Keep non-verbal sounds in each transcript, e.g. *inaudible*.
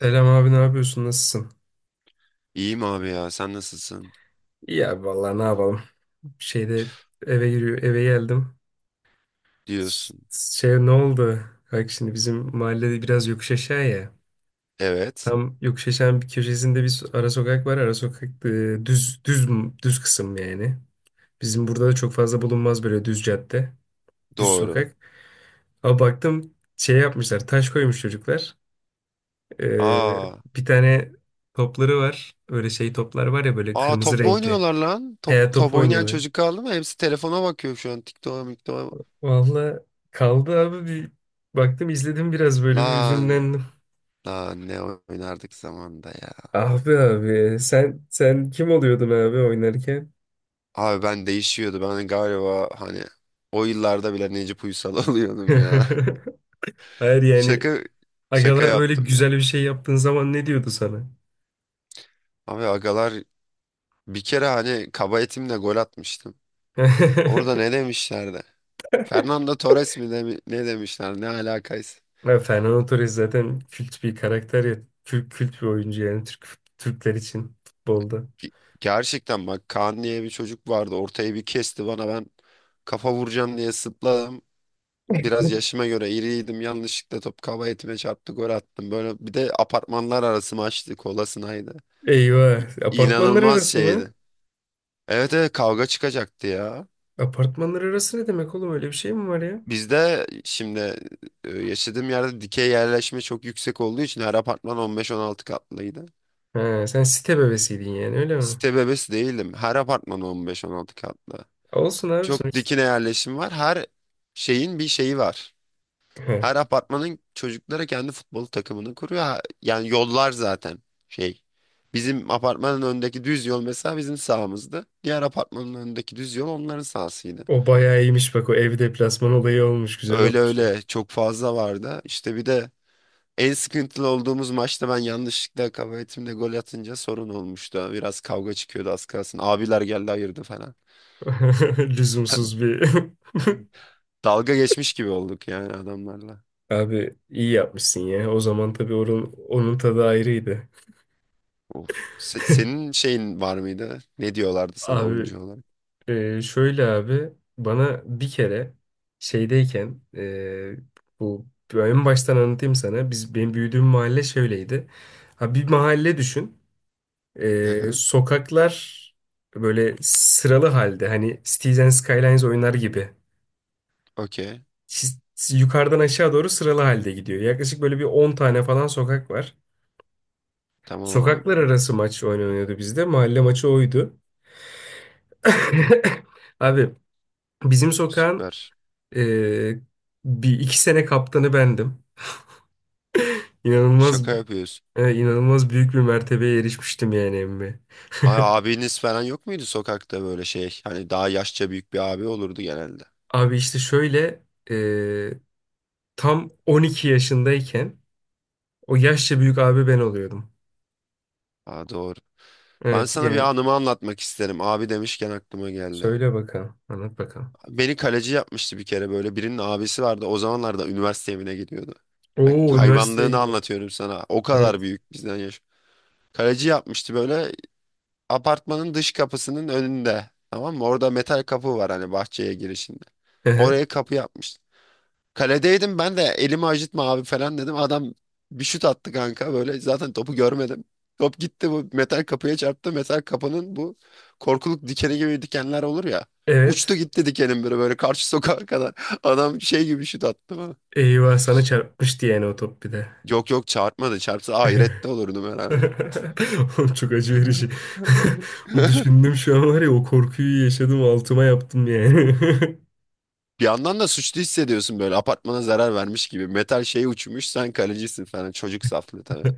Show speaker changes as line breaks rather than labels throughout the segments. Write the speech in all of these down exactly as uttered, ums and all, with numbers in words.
Selam abi ne yapıyorsun, nasılsın?
İyiyim abi ya sen nasılsın
İyi abi vallahi ne yapalım. Şeyde eve giriyor, eve geldim. S-
diyorsun.
Şey, ne oldu? Bak şimdi bizim mahallede biraz yokuş aşağı ya.
Evet,
Tam yokuş aşağının bir köşesinde bir so-, ara sokak var. Ara sokak, e, düz düz düz kısım yani. Bizim burada da çok fazla bulunmaz böyle düz cadde, düz
doğru.
sokak. Ama baktım şey yapmışlar, taş koymuş çocuklar. E,
Aa,
bir tane topları var. Öyle şey toplar var ya, böyle
aa
kırmızı
top mu
renkli.
oynuyorlar lan? Top,
He, top
top oynayan
oynuyorlar.
çocuk kaldı mı? Hepsi telefona bakıyor şu an. TikTok'a miktoğa.
Valla kaldı abi, bir baktım, izledim biraz, böyle bir
Lan
hüzünlendim.
lan ne oynardık zamanda ya.
Abi abi, sen sen kim oluyordun abi oynarken?
Abi ben değişiyordu. Ben galiba hani o yıllarda bile Necip Uysal *laughs* oluyordum ya.
*laughs* Hayır yani
Şaka şaka
agalar böyle
yaptım ya.
güzel bir şey yaptığın zaman ne diyordu sana?
Abi agalar bir kere hani kaba etimle gol atmıştım. Orada
*laughs*
ne demişlerdi? Fernando Torres mi demi- ne demişler ne alakaysa.
Ya Fernando Torres zaten kült bir karakter ya. Kült, kült bir oyuncu yani Türk Türkler için futbolda.
Ge- Gerçekten bak, Kaan diye bir çocuk vardı. Ortaya bir kesti bana, ben kafa vuracağım diye zıpladım. Biraz yaşıma göre iriydim. Yanlışlıkla top kaba etime çarptı, gol attım. Böyle bir de apartmanlar arası maçtı. Kolasınaydı. İ-
Eyvah. Apartmanlar
İnanılmaz
arası mı?
şeydi. Evet, evet, kavga çıkacaktı ya.
Apartmanlar arası ne demek oğlum? Öyle bir şey mi var ya?
Bizde şimdi e, yaşadığım yerde dikey yerleşme çok yüksek olduğu için her apartman on beş on altı katlıydı.
Ha, sen site bebesiydin yani, öyle mi?
Site bebesi değildim. Her apartman on beş on altı katlı.
Olsun abi,
Çok
sonuçta.
dikine yerleşim var. Her şeyin bir şeyi var. Her
*laughs*
apartmanın çocuklara kendi futbol takımını kuruyor. Ha- Yani yollar zaten şey. Bizim apartmanın önündeki düz yol mesela bizim sahamızdı. Diğer apartmanın önündeki düz yol onların sahasıydı.
O bayağı iyiymiş bak, o ev deplasman olayı olmuş, güzel
Öyle
olmuş ya.
öyle çok fazla vardı. İşte bir de en sıkıntılı olduğumuz maçta ben yanlışlıkla kaba etimle gol atınca sorun olmuştu. Biraz kavga çıkıyordu az kalsın. Abiler geldi, ayırdı falan.
*laughs* Lüzumsuz bir.
Dalga geçmiş gibi olduk yani adamlarla.
*laughs* Abi iyi yapmışsın ya. O zaman tabii onun, onun tadı ayrıydı.
Of. Se- senin şeyin var mıydı? Ne diyorlardı sana
Abi,
oyuncu olarak?
e, şöyle abi, bana bir kere şeydeyken, e, bu, en baştan anlatayım sana. Biz, benim büyüdüğüm mahalle şöyleydi. Ha, bir mahalle düşün.
Hı
E,
hı.
sokaklar böyle sıralı halde, hani Cities and Skylines oynar gibi.
Okey.
Çiz- yukarıdan aşağı doğru sıralı halde gidiyor. Yaklaşık böyle bir on tane falan sokak var.
Tamam abi.
Sokaklar arası maç oynanıyordu bizde. Mahalle maçı oydu. *laughs* Abi bizim sokağın
Süper.
e, bir iki sene kaptanı bendim. İnanılmaz,
Şaka yapıyorsun.
e, inanılmaz büyük bir mertebeye erişmiştim yani emmi.
Ay, abiniz falan yok muydu sokakta böyle şey? Hani daha yaşça büyük bir abi olurdu genelde.
Abi işte şöyle, e, tam on iki yaşındayken o yaşça büyük abi ben oluyordum.
Aa, doğru. Ben
Evet
sana bir
yani
anımı anlatmak isterim. Abi demişken aklıma geldi.
söyle bakalım, anlat bakalım.
Beni kaleci yapmıştı bir kere böyle. Birinin abisi vardı. O zamanlarda üniversite evine gidiyordu. Bak,
Oo, üniversiteye
hayvanlığını
gidiyorum.
anlatıyorum sana. O kadar büyük bizden yaş. Kaleci yapmıştı böyle. Apartmanın dış kapısının önünde. Tamam mı? Orada metal kapı var hani, bahçeye girişinde.
Hı hı.
Oraya kapı yapmış. Kaledeydim, ben de elimi acıtma abi falan dedim. Adam bir şut attı kanka, böyle zaten topu görmedim. Top gitti, bu metal kapıya çarptı. Metal kapının bu korkuluk dikeni gibi dikenler olur ya.
Evet.
Uçtu gitti dikenin, böyle böyle karşı sokağa kadar. *laughs* Adam şey gibi şut attı bana.
Eyvah, sana çarpmıştı yani o top bir de.
Yok, yok, çarpmadı. Çarpsa ahirette olurdum herhalde.
*laughs* Oğlum çok acı verici. *laughs*
*laughs*
Düşündüm şu an, var ya o korkuyu yaşadım, altıma yaptım yani. *laughs*
Bir yandan da suçlu hissediyorsun, böyle apartmana zarar vermiş gibi. Metal şey uçmuş, sen kalecisin falan. Çocuk saflığı tabii.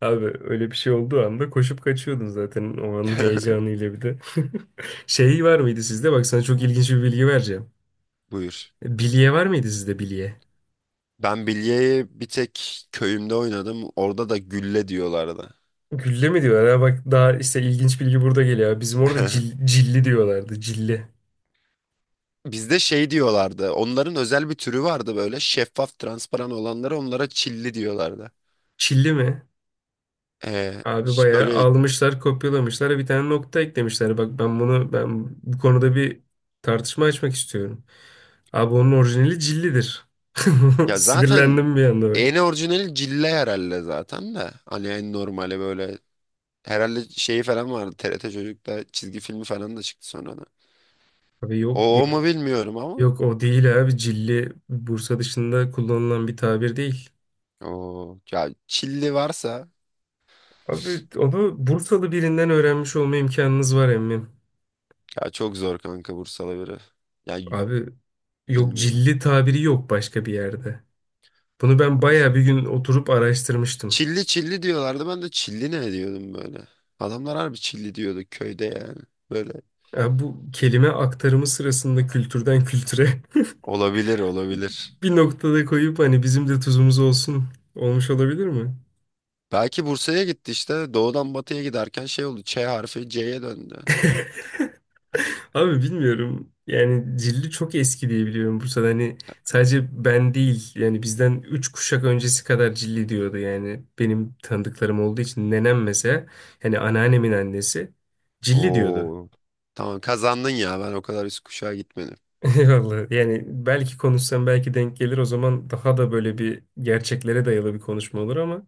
Abi öyle bir şey olduğu anda koşup kaçıyordun zaten, o anın
*laughs*
heyecanıyla bir de. *laughs* Şey, var mıydı sizde? Bak, sana çok ilginç bir bilgi vereceğim.
Buyur.
Bilye var mıydı sizde, bilye?
Ben bilyeyi bir tek köyümde oynadım. Orada da gülle diyorlardı.
Gülle mi diyorlar, ha? Bak, daha işte ilginç bilgi burada geliyor. Bizim orada
*laughs*
cil- cilli diyorlardı. Cilli.
Bizde şey diyorlardı. Onların özel bir türü vardı böyle. Şeffaf, transparan olanlara, onlara çilli diyorlardı.
Çilli mi?
Ee,
Abi
ş-
bayağı
böyle
almışlar, kopyalamışlar ve bir tane nokta eklemişler. Bak ben bunu, ben bu konuda bir tartışma açmak istiyorum. Abi onun orijinali cillidir. *laughs*
ya zaten
Sinirlendim bir anda bak.
en orijinali cille herhalde zaten de. Hani en normali böyle. Herhalde şeyi falan vardı. T R T Çocuk'ta çizgi filmi falan da çıktı sonra.
Abi yok ya.
O, o mu bilmiyorum ama.
Yok, o değil abi. Cilli Bursa dışında kullanılan bir tabir değil.
O ya, çilli varsa
Abi onu Bursalı birinden öğrenmiş olma imkanınız var emmim.
ya çok zor kanka Bursalı biri. Ya y-
Abi, yok,
bilmiyorum.
cilli tabiri yok başka bir yerde. Bunu ben bayağı bir gün oturup araştırmıştım.
Çilli çilli diyorlardı. Ben de çilli ne diyordum böyle. Adamlar harbi çilli diyordu köyde yani. Böyle
Ya bu kelime aktarımı sırasında kültürden kültüre
olabilir, olabilir.
*laughs* bir noktada koyup hani bizim de tuzumuz olsun olmuş olabilir mi?
Belki Bursa'ya gitti işte. Doğudan batıya giderken şey oldu. Ç harfi C'ye döndü.
*laughs* Abi bilmiyorum. Yani Cilli çok eski diye biliyorum Bursa'da. Hani sadece ben değil yani, bizden üç kuşak öncesi kadar Cilli diyordu yani. Benim tanıdıklarım olduğu için nenem mesela, hani anneannemin annesi Cilli diyordu.
Oo. Tamam, kazandın ya. Ben o kadar üst kuşağa gitmedim.
*laughs* Vallahi yani belki konuşsam belki denk gelir, o zaman daha da böyle bir gerçeklere dayalı bir konuşma olur ama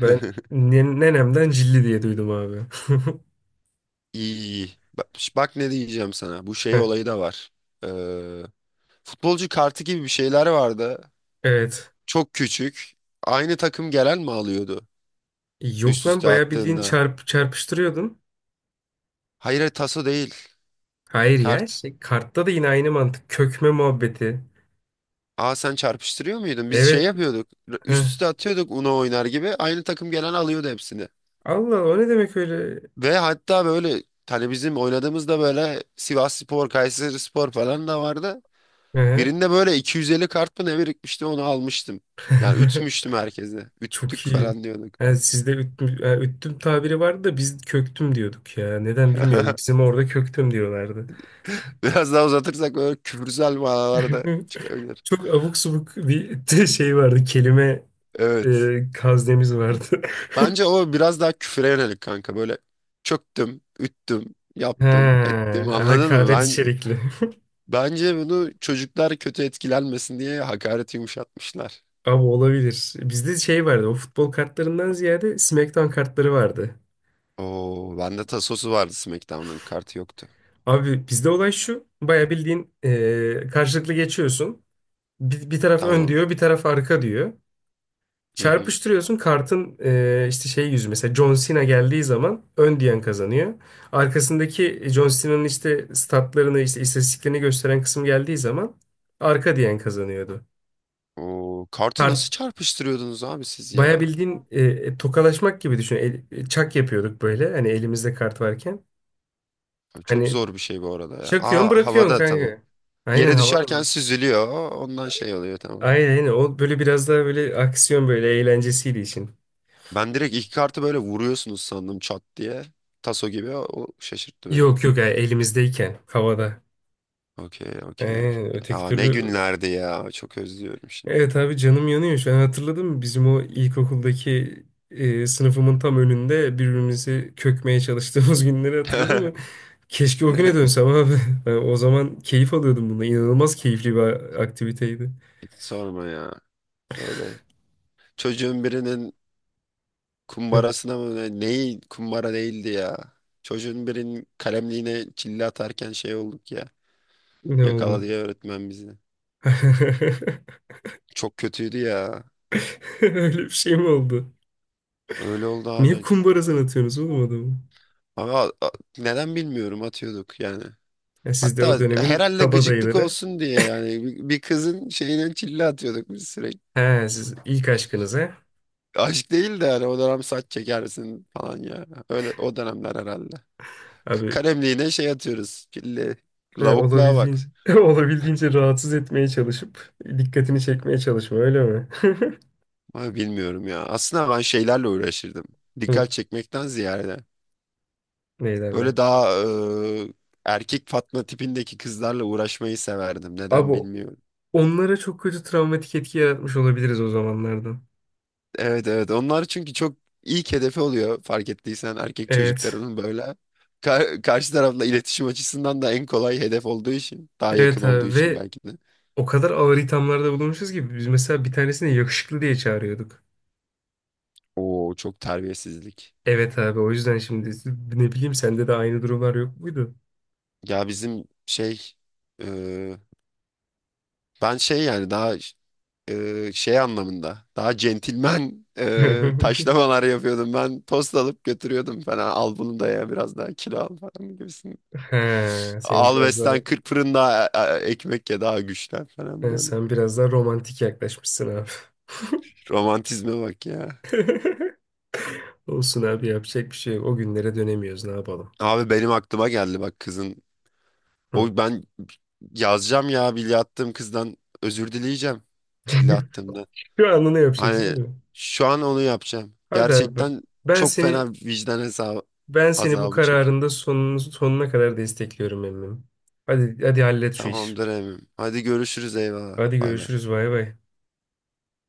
ben ne- nenemden cilli diye duydum abi. *laughs*
İyi, iyi. Bak, bak ne diyeceğim sana. Bu şey
Heh.
olayı da var. Ee, Futbolcu kartı gibi bir şeyler vardı.
Evet.
Çok küçük. Aynı takım gelen mi alıyordu
Yok
üst
lan,
üste
bayağı bildiğin
attığında?
çarp çarpıştırıyordun.
Hayır, hayır, taso değil.
Hayır ya
Kart.
şey, kartta da yine aynı mantık. Kökme muhabbeti.
Aa, sen çarpıştırıyor muydun? Biz şey
Evet.
yapıyorduk.
Heh.
Üst üste atıyorduk, Uno oynar gibi. Aynı takım gelen alıyordu hepsini.
Allah, o ne demek öyle?
Ve hatta böyle hani bizim oynadığımızda böyle Sivasspor, Kayserispor falan da vardı.
He.
Birinde böyle iki yüz elli kart mı ne birikmişti, onu almıştım. Yani
*laughs*
ütmüştüm herkese.
Çok
Üttük
iyi.
falan diyorduk.
Yani sizde üttüm, yani üttüm tabiri vardı da biz köktüm diyorduk ya. Neden bilmiyorum.
*laughs*
Bizim orada köktüm diyorlardı.
Biraz daha uzatırsak böyle küfürsel manalar da
*laughs*
çıkabilir.
Çok abuk subuk bir *laughs* şey vardı. Kelime,
Evet.
e, kaznemiz vardı.
Bence
*laughs*
o biraz daha küfüre yönelik kanka. Böyle çöktüm, üttüm,
He,
yaptım, ettim, anladın mı?
hakaret
Ben
içerikli.
Bence bunu çocuklar kötü etkilenmesin diye hakareti yumuşatmışlar.
*laughs* Abi olabilir. Bizde şey vardı. O futbol kartlarından ziyade SmackDown kartları vardı.
Oo, bende tasosu vardı, SmackDown'un kartı yoktu.
Abi bizde olay şu. Baya bildiğin, eee, karşılıklı geçiyorsun. Bir, bir taraf ön
Tamam.
diyor, bir taraf arka diyor.
Hı hı.
Çarpıştırıyorsun. Kartın, eee, işte şey yüzü. Mesela John Cena geldiği zaman ön diyen kazanıyor. Arkasındaki John Cena'nın işte statlarını, işte istatistiklerini gösteren kısım geldiği zaman arka diyen kazanıyordu.
Oo, kartı nasıl çarpıştırıyordunuz abi siz
Baya
ya?
bildiğin, e, e, tokalaşmak gibi düşün. El- e, çak yapıyorduk böyle. Hani elimizde kart varken.
Abi, çok
Hani
zor bir şey bu arada ya.
çakıyorsun,
Aa,
bırakıyorsun
havada tamam.
kanka. Aynen,
Yere
havada
düşerken
mı?
süzülüyor. Ondan şey oluyor, tamam.
Aynen aynen. O böyle biraz daha böyle aksiyon, böyle eğlencesiydi için.
Ben direkt iki kartı böyle vuruyorsunuz sandım, çat diye. Taso gibi, o şaşırttı beni.
Yok yok, yani elimizdeyken havada.
Okey, okey.
Ee, öteki
Ya ne
türlü.
günlerdi ya. Çok özlüyorum şimdi.
Evet abi canım yanıyor şu an, hatırladım. Bizim o ilkokuldaki, e, sınıfımın tam önünde birbirimizi kökmeye çalıştığımız *laughs* günleri hatırladın mı?
*laughs*
Keşke o güne dönsem abi. *laughs* Ben o zaman keyif alıyordum bunda, İnanılmaz keyifli bir aktiviteydi.
Hiç sorma ya. Böyle çocuğun birinin
*laughs*
kumbarasına mı ne- neyi, kumbara değildi ya. Çocuğun birinin kalemliğine çille atarken şey olduk ya.
Ne
Yakaladı
oldu?
ya öğretmen bizi.
*laughs*
Çok kötüydü ya.
Öyle bir şey mi oldu?
Öyle oldu
Niye
abi.
kumbarasını atıyorsunuz oğlum adamı?
Ama a- neden bilmiyorum, atıyorduk yani.
Ya siz de o
Hatta
dönemin
herhalde gıcıklık
kabadayıları.
olsun diye yani bir bir kızın şeyine çille atıyorduk biz sürekli.
He, siz ilk aşkınıza.
Aşk değil de hani o dönem saç çekersin falan ya. Öyle o dönemler herhalde. K-
Abi
Kalemliğine şey atıyoruz. Çille.
he,
Lavukluğa bak.
olabildiğince *laughs* olabildiğince rahatsız etmeye çalışıp dikkatini çekmeye çalışma, öyle mi? *laughs*
Ama bilmiyorum ya. Aslında ben şeylerle uğraşırdım.
Hı.
Dikkat çekmekten ziyade.
Ne derler?
Böyle daha e, erkek Fatma tipindeki kızlarla uğraşmayı severdim.
Abi
Neden bilmiyorum.
onlara çok kötü travmatik etki yaratmış olabiliriz o zamanlardan.
Evet, evet, onlar çünkü çok ilk hedefi oluyor fark ettiysen, erkek
Evet.
çocuklarının böyle. Ka- karşı tarafla iletişim açısından da en kolay hedef olduğu için, daha yakın
Evet
olduğu
abi,
için
ve
belki de.
o kadar ağır ithamlarda bulunmuşuz ki biz, mesela bir tanesini yakışıklı diye çağırıyorduk.
Oo, çok terbiyesizlik.
Evet abi, o yüzden şimdi, ne bileyim, sende de aynı durumlar yok muydu?
Ya bizim şey e, ben şey yani daha e, şey anlamında daha centilmen e,
*laughs*
taşlamalar yapıyordum. Ben tost alıp götürüyordum falan, al bunu da ya, biraz daha kilo al falan gibisin.
He, sen
Al
biraz daha
besten kırk fırında e, e, ekmek ye daha güçlen falan.
he, sen biraz daha romantik yaklaşmışsın abi.
Romantizme bak ya.
*laughs* Olsun abi, yapacak bir şey yok. O günlere dönemiyoruz, ne yapalım.
Abi benim aklıma geldi bak kızın.
Hı.
O ben yazacağım ya, bilye attığım kızdan özür dileyeceğim. Çille
*laughs*
attığımda.
Şu anda ne yapacaksın,
Hani
değil mi?
şu an onu yapacağım.
Hadi abi,
Gerçekten
ben
çok
seni
fena vicdan hesabı,
ben seni bu
azabı çekiyor.
kararında sonunu, sonuna kadar destekliyorum emmim. Hadi hadi, hallet şu işi.
Tamamdır Emim. Hadi görüşürüz, eyvallah.
Hadi
Bay bay.
görüşürüz, bay bay.